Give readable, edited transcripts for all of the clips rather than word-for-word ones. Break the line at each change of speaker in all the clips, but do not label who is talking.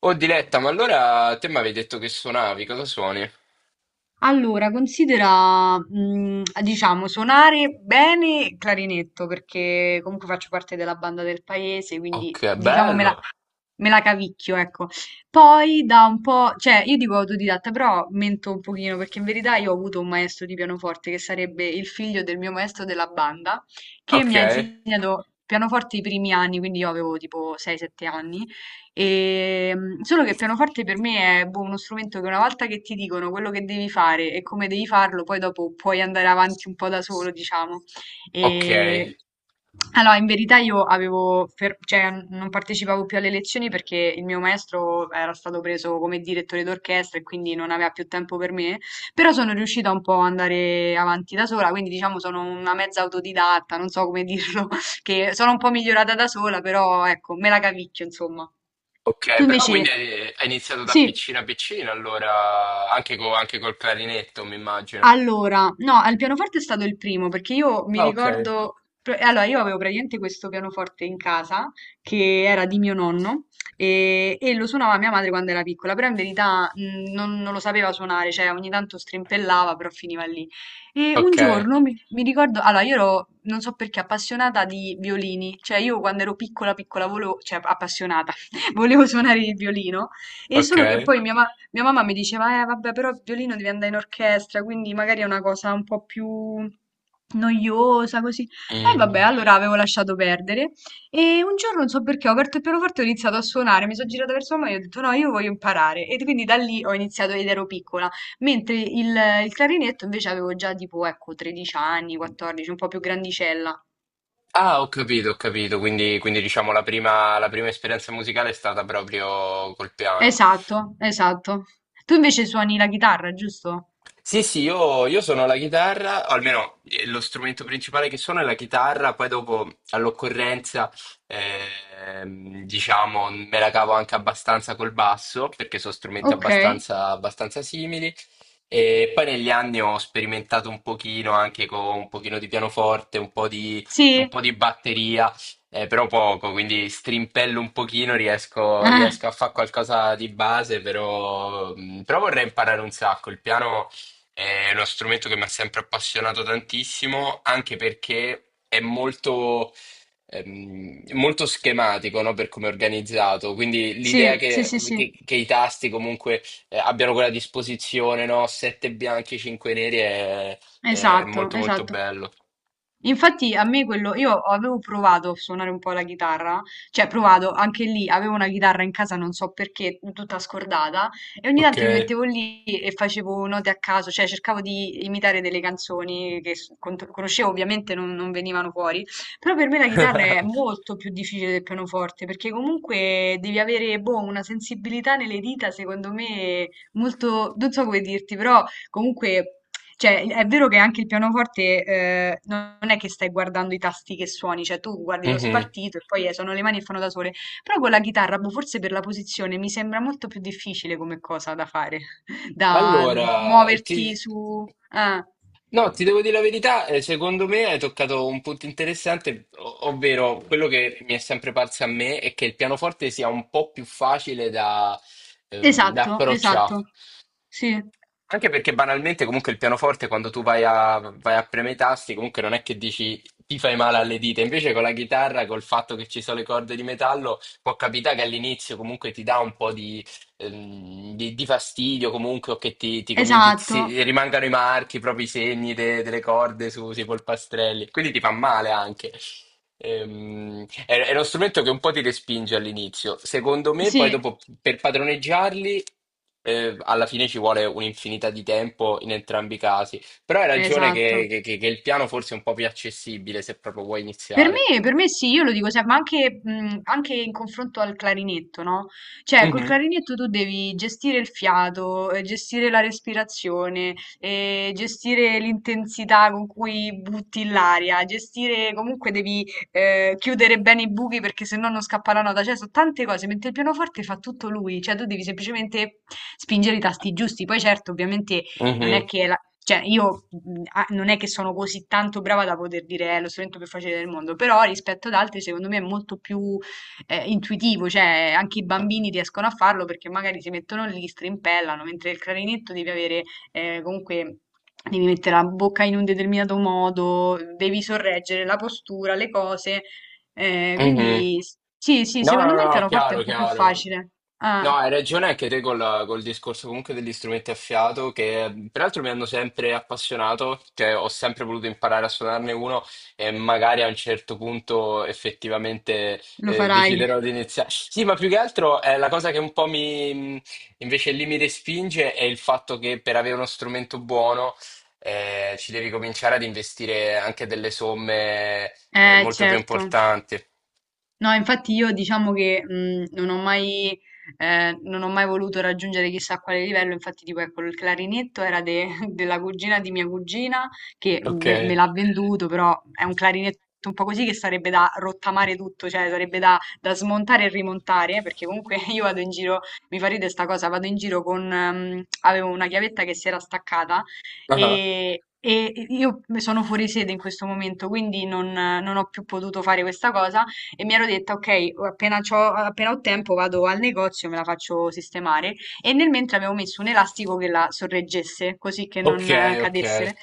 Oh Diletta, ma allora te mi avevi detto che suonavi, cosa suoni?
Allora, considera, diciamo, suonare bene il clarinetto, perché comunque faccio parte della banda del paese, quindi
Ok, bello.
me la cavicchio, ecco. Poi da un po', cioè io dico autodidatta, però mento un pochino perché in verità io ho avuto un maestro di pianoforte che sarebbe il figlio del mio maestro della banda, che
Ok,
mi ha insegnato pianoforte i primi anni, quindi io avevo tipo 6-7 anni, e, solo che il pianoforte per me è boh, uno strumento che una volta che ti dicono quello che devi fare e come devi farlo, poi dopo puoi andare avanti un po' da solo, diciamo.
ok,
E allora, in verità io avevo, cioè, non partecipavo più alle lezioni perché il mio maestro era stato preso come direttore d'orchestra e quindi non aveva più tempo per me, però sono riuscita un po' ad andare avanti da sola, quindi diciamo sono una mezza autodidatta, non so come dirlo, che sono un po' migliorata da sola, però ecco, me la cavicchio, insomma. Tu
ok, però
invece,
quindi hai iniziato da
sì.
piccina piccina, allora anche, anche col clarinetto, mi immagino.
Allora, no, al pianoforte è stato il primo perché io mi
Ah, ok.
ricordo, allora io avevo praticamente questo pianoforte in casa che era di mio nonno e lo suonava mia madre quando era piccola, però in verità non lo sapeva suonare, cioè ogni tanto strimpellava, però finiva lì. E un
Ok,
giorno mi ricordo, allora io ero, non so perché, appassionata di violini, cioè io quando ero piccola, piccola, volevo, cioè appassionata, volevo suonare il violino. E
ok.
solo che poi mia mamma mi diceva, vabbè, però il violino devi andare in orchestra, quindi magari è una cosa un po' più noiosa, così. E vabbè,
Mm.
allora avevo lasciato perdere. E un giorno, non so perché, ho aperto il pianoforte e ho iniziato a suonare. Mi sono girata verso mamma e ho detto, no, io voglio imparare. E quindi da lì ho iniziato ed ero piccola. Mentre il, il clarinetto invece avevo già tipo, ecco, 13 anni, 14, un po' più grandicella.
Ah, ho capito, quindi, quindi diciamo la prima esperienza musicale è stata proprio col piano.
Esatto, esatto. Tu invece suoni la chitarra, giusto?
Sì, sì, io suono la chitarra, o almeno lo strumento principale che suono è la chitarra, poi dopo all'occorrenza, diciamo, me la cavo anche abbastanza col basso, perché sono strumenti
Ok.
abbastanza, abbastanza simili. E poi negli anni ho sperimentato un pochino anche con un pochino di pianoforte,
Sì.
un po' di batteria, però poco, quindi strimpello un pochino, riesco,
Ah.
riesco a fare qualcosa di base, però, però vorrei imparare un sacco. Il piano... È uno strumento che mi ha sempre appassionato tantissimo, anche perché è molto, molto schematico, no? Per come è organizzato. Quindi
Sì,
l'idea
sì,
che,
sì, sì,
che i tasti comunque abbiano quella disposizione, no? Sette bianchi, cinque neri è
esatto,
molto molto
esatto.
bello.
Infatti a me quello, io avevo provato a suonare un po' la chitarra, cioè provato anche lì, avevo una chitarra in casa, non so perché, tutta scordata, e ogni
Ok.
tanto mi mettevo lì e facevo note a caso, cioè cercavo di imitare delle canzoni che conoscevo, ovviamente non venivano fuori, però per me la chitarra è molto più difficile del pianoforte, perché comunque devi avere, boh, una sensibilità nelle dita, secondo me, molto, non so come dirti, però comunque cioè, è vero che anche il pianoforte, non è che stai guardando i tasti che suoni, cioè tu guardi lo
Mhm.
spartito e poi sono le mani che fanno da sole. Però con la chitarra, boh, forse per la posizione, mi sembra molto più difficile come cosa da fare, da di
Allora, ti,
muoverti su... ah.
No, ti devo dire la verità, secondo me hai toccato un punto interessante, ovvero quello che mi è sempre parso a me è che il pianoforte sia un po' più facile da, da
Esatto,
approcciare.
esatto. Sì,
Anche perché banalmente comunque il pianoforte quando tu vai a, vai a premere i tasti comunque non è che dici ti fai male alle dita, invece con la chitarra, col fatto che ci sono le corde di metallo, può capitare che all'inizio comunque ti dà un po' di, di fastidio comunque o che ti cominci,
esatto.
rimangano i marchi, proprio i segni delle corde su, sui polpastrelli, quindi ti fa male anche. È uno strumento che un po' ti respinge all'inizio. Secondo me, poi
Sì,
dopo per padroneggiarli, alla fine ci vuole un'infinità di tempo in entrambi i casi. Però hai ragione che,
esatto.
che il piano forse è un po' più accessibile se proprio vuoi
Per
iniziare.
me per me sì, io lo dico sempre, ma anche anche in confronto al clarinetto, no, cioè col
Mhm.
clarinetto tu devi gestire il fiato, gestire la respirazione, gestire l'intensità con cui butti l'aria, gestire comunque devi, chiudere bene i buchi perché se no non scappa la nota, cioè so' tante cose, mentre il pianoforte fa tutto lui, cioè tu devi semplicemente spingere i tasti giusti. Poi certo ovviamente non è
Mhm,
che la cioè, io non è che sono così tanto brava da poter dire è lo strumento più facile del mondo, però rispetto ad altri, secondo me è molto più intuitivo, cioè anche i bambini riescono a farlo perché magari si mettono lì, strimpellano, mentre il clarinetto devi avere comunque. Devi mettere la bocca in un determinato modo, devi sorreggere la postura, le cose. eh,
mhm.
quindi s- sì, sì,
No,
secondo
no,
me
no,
il
no,
pianoforte è
chiaro,
un po' più
chiaro.
facile. Ah,
No, hai ragione anche te col, col discorso comunque degli strumenti a fiato che peraltro mi hanno sempre appassionato, cioè ho sempre voluto imparare a suonarne uno e magari a un certo punto effettivamente
lo farai.
deciderò di iniziare. Sì, ma più che altro la cosa che un po' mi invece lì mi respinge è il fatto che per avere uno strumento buono ci devi cominciare ad investire anche delle somme molto più
Certo.
importanti.
No, infatti io diciamo che non ho mai voluto raggiungere chissà quale livello, infatti tipo ecco il clarinetto era della cugina di mia cugina che
Ok.
me l'ha venduto, però è un clarinetto un po' così che sarebbe da rottamare tutto, cioè sarebbe da, da smontare e rimontare, perché comunque io vado in giro, mi fa ridere sta cosa, vado in giro con, avevo una chiavetta che si era staccata
Ah.
e... E io sono fuori sede in questo momento, quindi non ho più potuto fare questa cosa e mi ero detta, ok, appena ho tempo vado al negozio, me la faccio sistemare. E nel mentre avevo messo un elastico che la sorreggesse, così che
Ok,
non
ok.
cadesse.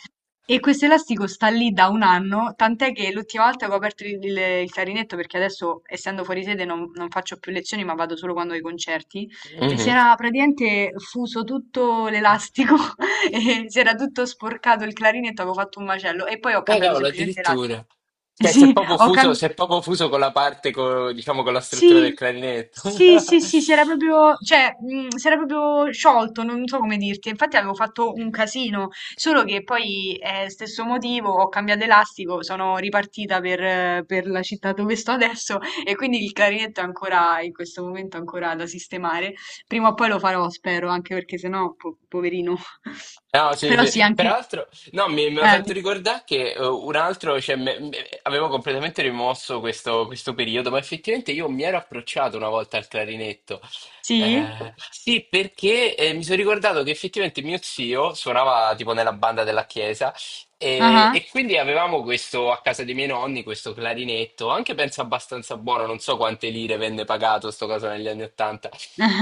E questo elastico sta lì da un anno, tant'è che l'ultima volta che ho aperto il clarinetto, perché adesso essendo fuori sede non faccio più lezioni, ma vado solo quando ho i concerti, e si
Mhm.
era praticamente fuso tutto l'elastico, e si era tutto sporcato il clarinetto, avevo fatto un macello, e poi ho cambiato
Cavolo,
semplicemente l'elastico.
addirittura. Cioè, si è
Sì,
proprio
ho
fuso, si è
cambiato.
proprio fuso con la parte, diciamo, con la struttura del
Sì,
clarinetto.
sì, sì, sì, si era proprio, cioè, si era proprio sciolto, non so come dirti. Infatti avevo fatto un casino, solo che poi, stesso motivo, ho cambiato elastico, sono ripartita per la città dove sto adesso e quindi il clarinetto è ancora, in questo momento, ancora da sistemare. Prima o poi lo farò, spero, anche perché sennò, poverino.
No, sì,
Però sì,
sì.
anche...
Peraltro, no, mi ha
eh,
fatto
di-
ricordare che un altro, cioè, avevo completamente rimosso questo, questo periodo, ma effettivamente io mi ero approcciato una volta al clarinetto.
sì?
Sì, perché mi sono ricordato che effettivamente mio zio suonava tipo nella banda della chiesa
Ah ah.
e quindi avevamo questo a casa dei miei nonni, questo clarinetto, anche penso abbastanza buono, non so quante lire venne pagato sto caso negli anni Ottanta.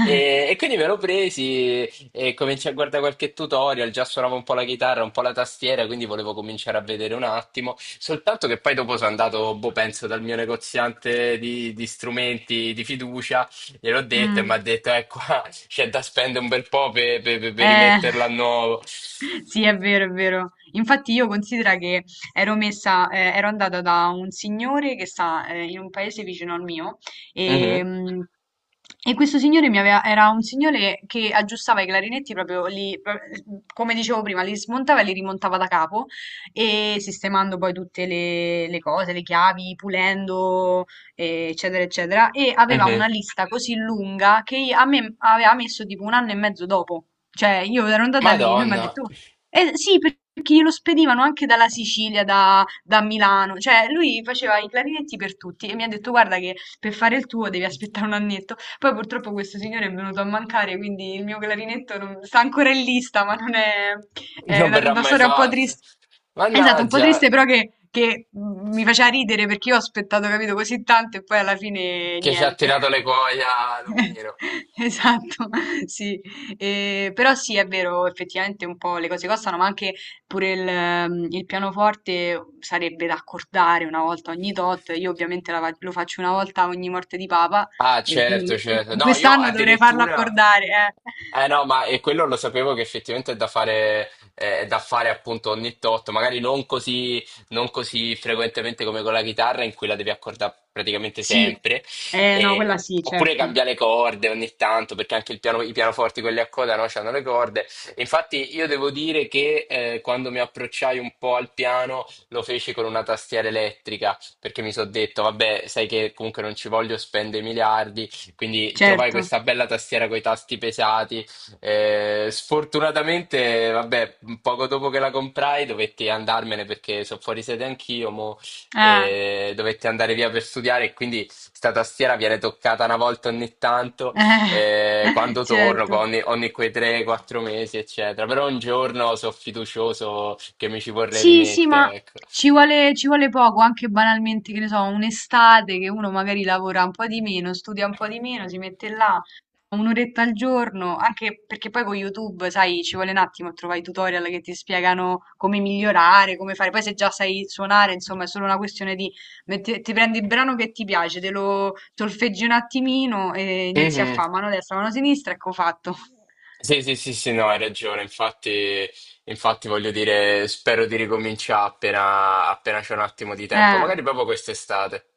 E quindi me lo presi. E cominciai a guardare qualche tutorial, già suonavo un po' la chitarra, un po' la tastiera, quindi volevo cominciare a vedere un attimo. Soltanto che poi dopo sono andato, boh, penso, dal mio negoziante di strumenti di fiducia, gliel'ho detto e mi ha
Mm.
detto, qua c'è da spendere un bel po' per, per
Eh,
rimetterla a nuovo.
sì, è vero, è vero. Infatti io considero che ero messa, ero andata da un signore che sta, in un paese vicino al mio e,
Mhm,
e questo signore mi aveva, era un signore che aggiustava i clarinetti proprio lì, come dicevo prima, li smontava e li rimontava da capo e sistemando poi tutte le cose, le chiavi, pulendo, eccetera, eccetera. E aveva una
mhm.
lista così lunga che a me aveva messo tipo un anno e mezzo dopo. Cioè, io ero andata lì, lui mi ha
Madonna,
detto, "Oh, sì, perché glielo spedivano anche dalla Sicilia, da Milano, cioè lui faceva i clarinetti per tutti e mi ha detto, guarda che per fare il tuo devi aspettare un annetto. Poi purtroppo questo signore è venuto a mancare, quindi il mio clarinetto sta ancora in lista, ma non è, è
non verrà
una
mai
storia un po'
fatta.
triste. Esatto, un po'
Mannaggia,
triste però che mi faceva ridere perché io ho aspettato, capito, così tanto e poi alla fine
che ci ha
niente.
tirato le cuoia, Lumino.
Esatto, sì. Però sì, è vero, effettivamente un po' le cose costano, ma anche pure il pianoforte sarebbe da accordare una volta ogni tot. Io ovviamente lo faccio una volta ogni morte di papa,
Ah,
e
certo,
quindi
certo. No, io
quest'anno dovrei farlo
addirittura...
accordare, eh.
Eh no, ma e quello lo sapevo che effettivamente è da fare appunto ogni tot, magari non così, non così frequentemente come con la chitarra in cui la devi accordare praticamente
Sì,
sempre,
no, quella sì,
oppure
certo,
cambiare le corde ogni tanto, perché anche i pianoforti quelli a coda no, hanno le corde. Infatti io devo dire che quando mi approcciai un po' al piano lo feci con una tastiera elettrica perché mi sono detto, vabbè, sai che comunque non ci voglio spendere miliardi, quindi trovai
certo.
questa bella tastiera con i tasti pesati. Sfortunatamente, vabbè, poco dopo che la comprai dovetti andarmene perché sono fuori sede anch'io, mo,
Ah,
e dovetti andare via per studiare e quindi sta tastiera viene toccata una volta ogni tanto, quando torno, qua
certo.
ogni, ogni quei 3-4 mesi, eccetera. Però un giorno sono fiducioso che mi ci vorrei
Sì, sì, ma
rimettere, ecco.
ci vuole poco, anche banalmente, che ne so, un'estate che uno magari lavora un po' di meno, studia un po' di meno, si mette là un'oretta al giorno, anche perché poi con YouTube, sai, ci vuole un attimo a trovare i tutorial che ti spiegano come migliorare, come fare. Poi se già sai suonare, insomma, è solo una questione di ti prendi il brano che ti piace, te lo solfeggi un attimino e inizi a
Mhm.
fare mano destra, mano sinistra, ecco fatto.
Sì, sì, sì, sì, no, hai ragione. Infatti, infatti voglio dire, spero di ricominciare appena, appena c'è un attimo di tempo,
Eh.
magari proprio quest'estate.